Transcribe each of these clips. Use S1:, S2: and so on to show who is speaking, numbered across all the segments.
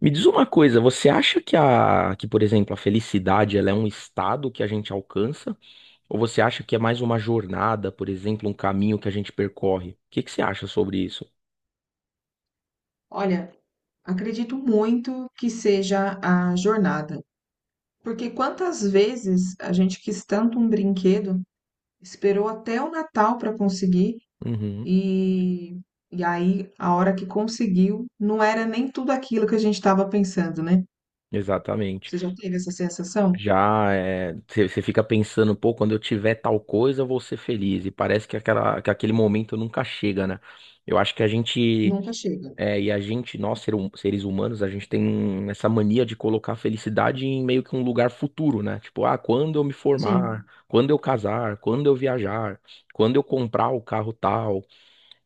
S1: Me diz uma coisa, você acha que por exemplo, a felicidade ela é um estado que a gente alcança? Ou você acha que é mais uma jornada, por exemplo, um caminho que a gente percorre? O que que você acha sobre isso?
S2: Olha, acredito muito que seja a jornada, porque quantas vezes a gente quis tanto um brinquedo, esperou até o Natal para conseguir
S1: Uhum,
S2: e, e aí a hora que conseguiu não era nem tudo aquilo que a gente estava pensando, né?
S1: exatamente.
S2: Você já teve essa sensação?
S1: Já é, você fica pensando, pô, quando eu tiver tal coisa, eu vou ser feliz. E parece que aquele momento nunca chega, né? Eu acho que a gente
S2: Nunca chega.
S1: É, e a gente, nós, ser seres humanos, a gente tem essa mania de colocar a felicidade em meio que um lugar futuro, né? Tipo, ah, quando eu me formar,
S2: Sim,
S1: quando eu casar, quando eu viajar, quando eu comprar o carro tal.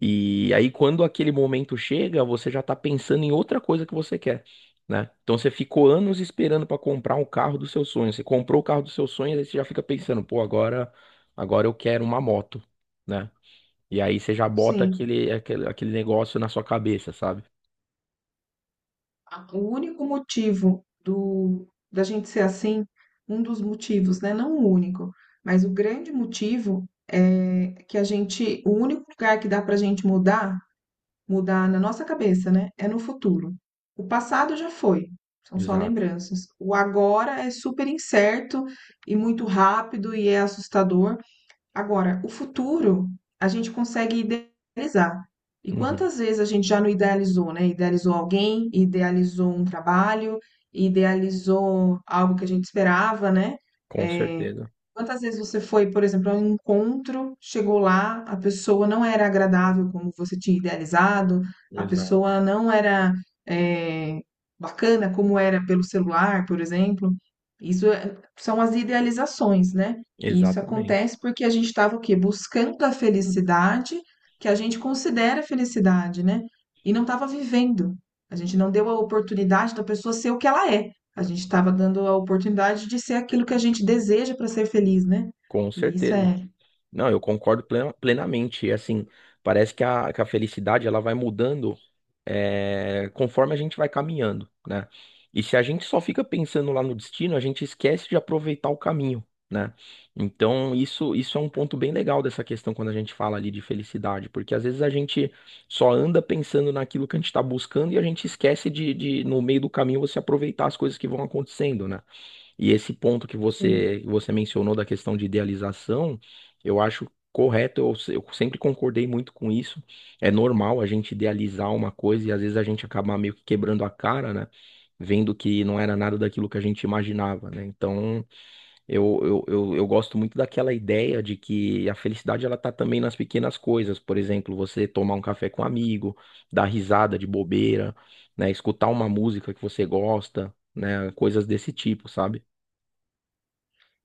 S1: E aí, quando aquele momento chega, você já tá pensando em outra coisa que você quer, né? Então, você ficou anos esperando pra comprar um carro dos seus sonhos. Você comprou o carro dos seus sonhos, aí você já fica pensando, pô, agora, agora eu quero uma moto, né? E aí, você já bota
S2: sim.
S1: aquele negócio na sua cabeça, sabe?
S2: O único motivo da gente ser assim, um dos motivos, né? Não o único, mas o grande motivo é que a gente, o único lugar que dá pra gente mudar na nossa cabeça, né? É no futuro. O passado já foi, são só
S1: Exato.
S2: lembranças. O agora é super incerto e muito rápido e é assustador. Agora, o futuro a gente consegue idealizar. E
S1: Uhum.
S2: quantas vezes a gente já não idealizou, né? Idealizou alguém, idealizou um trabalho, idealizou algo que a gente esperava, né?
S1: Com
S2: É,
S1: certeza.
S2: quantas vezes você foi, por exemplo, a um encontro, chegou lá, a pessoa não era agradável como você tinha idealizado, a
S1: Exato.
S2: pessoa não era, é, bacana como era pelo celular, por exemplo. São as idealizações, né? E isso
S1: Exatamente.
S2: acontece porque a gente estava o quê? Buscando a felicidade que a gente considera felicidade, né? E não estava vivendo. A gente não deu a oportunidade da pessoa ser o que ela é. A gente estava dando a oportunidade de ser aquilo que a gente deseja para ser feliz, né?
S1: Com
S2: E isso
S1: certeza.
S2: é
S1: Não, eu concordo plenamente. E, assim, parece que a felicidade ela vai mudando, é, conforme a gente vai caminhando, né? E se a gente só fica pensando lá no destino, a gente esquece de aproveitar o caminho, né? Então, isso é um ponto bem legal dessa questão quando a gente fala ali de felicidade, porque às vezes a gente só anda pensando naquilo que a gente está buscando e a gente esquece no meio do caminho, você aproveitar as coisas que vão acontecendo, né? E esse ponto que
S2: é
S1: você mencionou da questão de idealização, eu acho correto, eu, se- eu sempre concordei muito com isso. É normal a gente idealizar uma coisa e às vezes a gente acabar meio que quebrando a cara, né? Vendo que não era nada daquilo que a gente imaginava, né? Então, eu gosto muito daquela ideia de que a felicidade ela tá também nas pequenas coisas. Por exemplo, você tomar um café com um amigo, dar risada de bobeira, né? Escutar uma música que você gosta, né? Coisas desse tipo, sabe?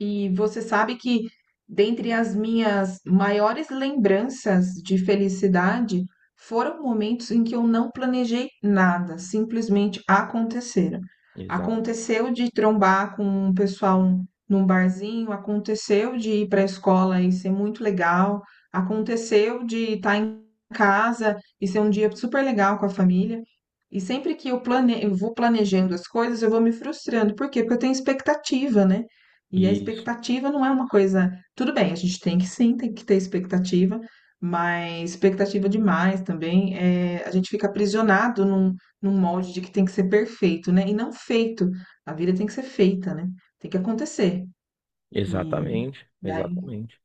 S2: E você sabe que, dentre as minhas maiores lembranças de felicidade, foram momentos em que eu não planejei nada, simplesmente aconteceram.
S1: Exato.
S2: Aconteceu de trombar com um pessoal num barzinho, aconteceu de ir para a escola e ser muito legal, aconteceu de estar em casa e ser um dia super legal com a família. E sempre que eu eu vou planejando as coisas, eu vou me frustrando. Por quê? Porque eu tenho expectativa, né? E a
S1: Isso,
S2: expectativa não é uma coisa. Tudo bem, a gente tem que sim, tem que ter expectativa, mas expectativa demais também. É, a gente fica aprisionado num molde de que tem que ser perfeito, né? E não feito. A vida tem que ser feita, né? Tem que acontecer. E,
S1: exatamente,
S2: e aí.
S1: exatamente.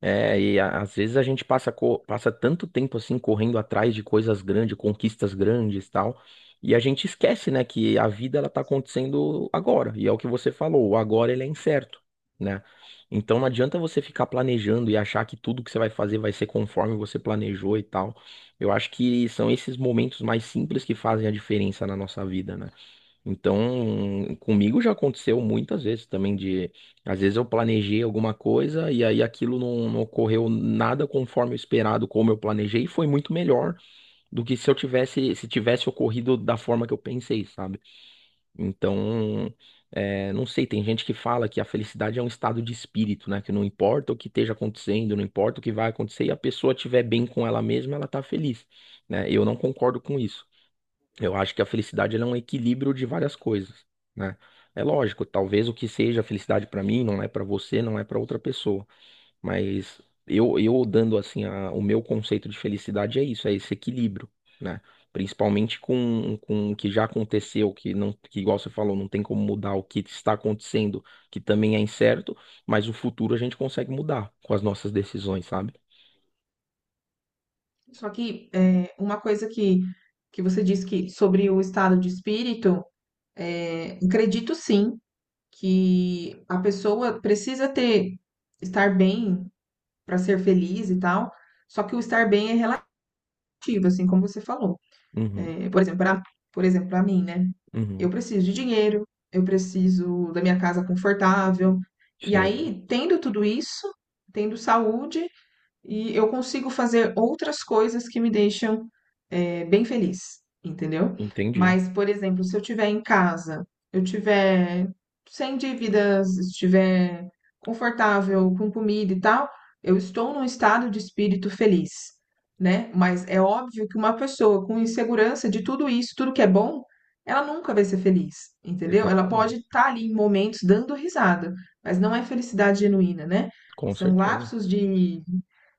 S1: É, e às vezes a gente passa tanto tempo assim correndo atrás de coisas grandes, conquistas grandes, tal, e a gente esquece, né, que a vida ela tá acontecendo agora, e é o que você falou, o agora ele é incerto, né? Então não adianta você ficar planejando e achar que tudo que você vai fazer vai ser conforme você planejou e tal. Eu acho que são esses momentos mais simples que fazem a diferença na nossa vida, né? Então, comigo já aconteceu muitas vezes também de, às vezes eu planejei alguma coisa e aí aquilo não ocorreu nada conforme o esperado, como eu planejei, e foi muito melhor do que se eu tivesse, se tivesse ocorrido da forma que eu pensei, sabe? Então, é, não sei, tem gente que fala que a felicidade é um estado de espírito, né? Que não importa o que esteja acontecendo, não importa o que vai acontecer, e a pessoa estiver bem com ela mesma, ela tá feliz, né? Eu não concordo com isso. Eu acho que a felicidade ela é um equilíbrio de várias coisas, né? É lógico, talvez o que seja felicidade para mim não é para você, não é para outra pessoa, mas eu dando assim o meu conceito de felicidade é isso, é esse equilíbrio, né? Principalmente com o que já aconteceu, que igual você falou, não tem como mudar o que está acontecendo, que também é incerto, mas o futuro a gente consegue mudar com as nossas decisões, sabe?
S2: Só que é, uma coisa que você disse que sobre o estado de espírito, é, acredito sim que a pessoa precisa ter estar bem para ser feliz e tal. Só que o estar bem é relativo, assim como você falou.
S1: Uhum,
S2: É, por exemplo, para mim, né? Eu
S1: uhum.
S2: preciso de dinheiro, eu preciso da minha casa confortável. E
S1: Sim,
S2: aí, tendo tudo isso, tendo saúde, e eu consigo fazer outras coisas que me deixam, bem feliz, entendeu?
S1: entendi.
S2: Mas, por exemplo, se eu estiver em casa, eu tiver sem dívidas, estiver confortável com comida e tal, eu estou num estado de espírito feliz, né? Mas é óbvio que uma pessoa com insegurança de tudo isso, tudo que é bom, ela nunca vai ser feliz, entendeu? Ela pode
S1: Exatamente.
S2: estar ali em momentos dando risada, mas não é felicidade genuína, né?
S1: Com
S2: São
S1: certeza.
S2: lapsos de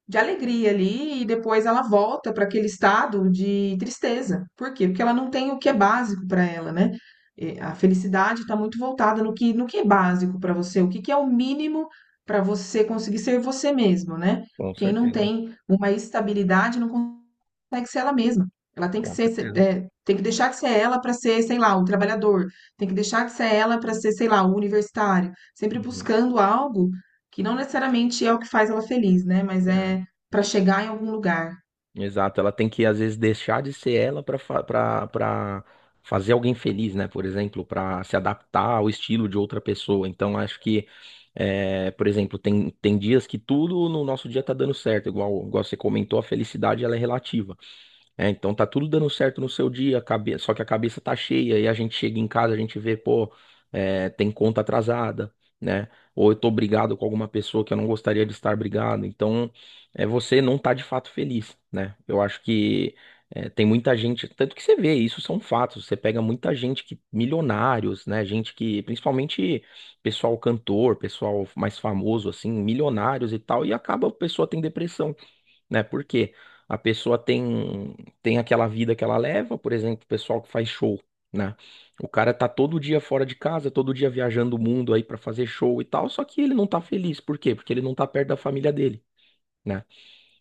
S2: de alegria ali e depois ela volta para aquele estado de tristeza. Por quê? Porque ela não tem o que é básico para ela, né? E a felicidade está muito voltada no que é básico para você, o que é o mínimo para você conseguir ser você mesmo, né?
S1: Com
S2: Quem não
S1: certeza,
S2: tem uma estabilidade não consegue ser ela mesma. Ela tem que
S1: com
S2: ser,
S1: certeza.
S2: tem que deixar de ser ela para ser, sei lá, o trabalhador. Tem que deixar de ser ela para ser, sei lá, o universitário. Sempre
S1: Uhum.
S2: buscando algo que não necessariamente é o que faz ela feliz, né? Mas
S1: É,
S2: é para chegar em algum lugar.
S1: exato, ela tem que às vezes deixar de ser ela para fazer alguém feliz, né? Por exemplo, para se adaptar ao estilo de outra pessoa. Então, acho que, é, por exemplo, tem dias que tudo no nosso dia tá dando certo, igual você comentou, a felicidade ela é relativa. É, então tá tudo dando certo no seu dia, só que a cabeça tá cheia e a gente chega em casa, a gente vê, pô, é, tem conta atrasada, né? Ou eu tô brigado com alguma pessoa que eu não gostaria de estar brigado. Então, é, você não tá de fato feliz, né? Eu acho que é, tem muita gente, tanto que você vê, isso são fatos. Você pega muita gente que, milionários, né? Gente que, principalmente pessoal cantor, pessoal mais famoso, assim, milionários e tal, e acaba a pessoa tem depressão, né? Porque a pessoa tem aquela vida que ela leva, por exemplo, o pessoal que faz show, né? O cara tá todo dia fora de casa, todo dia viajando o mundo aí pra fazer show e tal, só que ele não tá feliz. Por quê? Porque ele não tá perto da família dele. Né?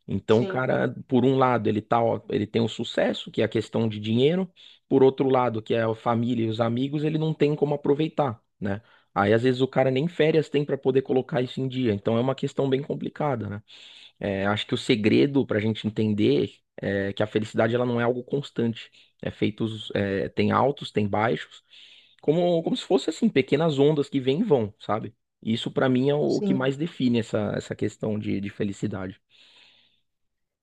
S1: Então, o
S2: Sim.
S1: cara, por um lado, ele tá, ó, ele tem o sucesso, que é a questão de dinheiro, por outro lado, que é a família e os amigos, ele não tem como aproveitar, né? Aí, às vezes, o cara nem férias tem pra poder colocar isso em dia, então é uma questão bem complicada, né? É, acho que o segredo para a gente entender é que a felicidade ela não é algo constante. É feitos, é, tem altos, tem baixos, como se fosse assim, pequenas ondas que vêm e vão, sabe? Isso para mim é o que
S2: Sim.
S1: mais define essa questão de felicidade.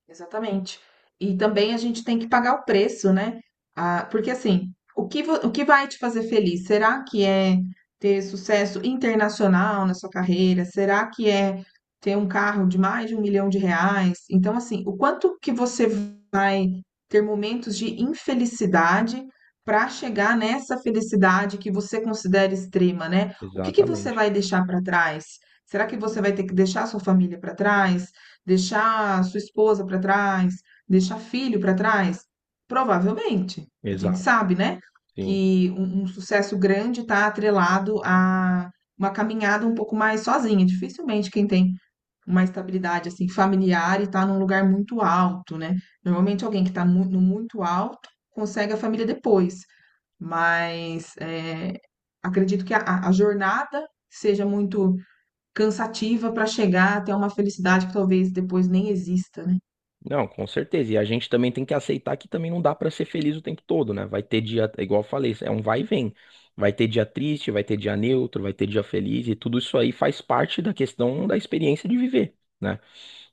S2: Exatamente. E também a gente tem que pagar o preço, né? Ah, porque assim, o que, o que vai te fazer feliz? Será que é ter sucesso internacional na sua carreira? Será que é ter um carro de mais de um milhão de reais? Então, assim, o quanto que você vai ter momentos de infelicidade para chegar nessa felicidade que você considera extrema, né? O que que você
S1: Exatamente.
S2: vai deixar para trás? Será que você vai ter que deixar sua família para trás? Deixar sua esposa para trás, deixar filho para trás? Provavelmente. A gente
S1: Exato.
S2: sabe, né,
S1: Sim.
S2: que um sucesso grande está atrelado a uma caminhada um pouco mais sozinha. Dificilmente quem tem uma estabilidade assim familiar e está num lugar muito alto, né? Normalmente alguém que está no muito alto consegue a família depois, mas acredito que a jornada seja muito cansativa para chegar até uma felicidade que talvez depois nem exista, né?
S1: Não, com certeza. E a gente também tem que aceitar que também não dá pra ser feliz o tempo todo, né? Vai ter dia, é igual eu falei, é um vai e vem. Vai ter dia triste, vai ter dia neutro, vai ter dia feliz, e tudo isso aí faz parte da questão da experiência de viver, né?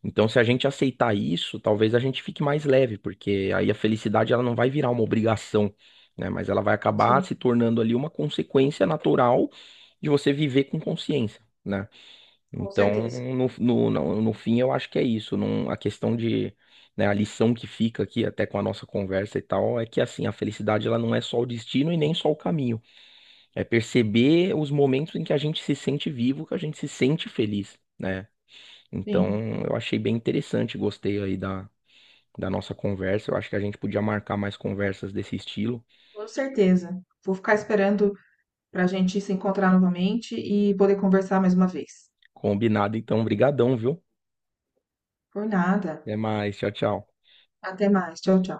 S1: Então, se a gente aceitar isso, talvez a gente fique mais leve, porque aí a felicidade ela não vai virar uma obrigação, né? Mas ela vai acabar
S2: Sim,
S1: se tornando ali uma consequência natural de você viver com consciência. Né?
S2: com
S1: Então,
S2: certeza.
S1: no fim, eu acho que é isso. Não, a questão de, né, a lição que fica aqui, até com a nossa conversa e tal, é que assim, a felicidade ela não é só o destino e nem só o caminho. É perceber os momentos em que a gente se sente vivo, que a gente se sente feliz, né?
S2: Sim,
S1: Então, eu achei bem interessante, gostei aí da, da nossa conversa. Eu acho que a gente podia marcar mais conversas desse estilo.
S2: com certeza. Vou ficar esperando para a gente se encontrar novamente e poder conversar mais uma vez.
S1: Combinado, então, brigadão, viu?
S2: Por nada.
S1: Até mais, tchau, tchau.
S2: Até mais. Tchau, tchau.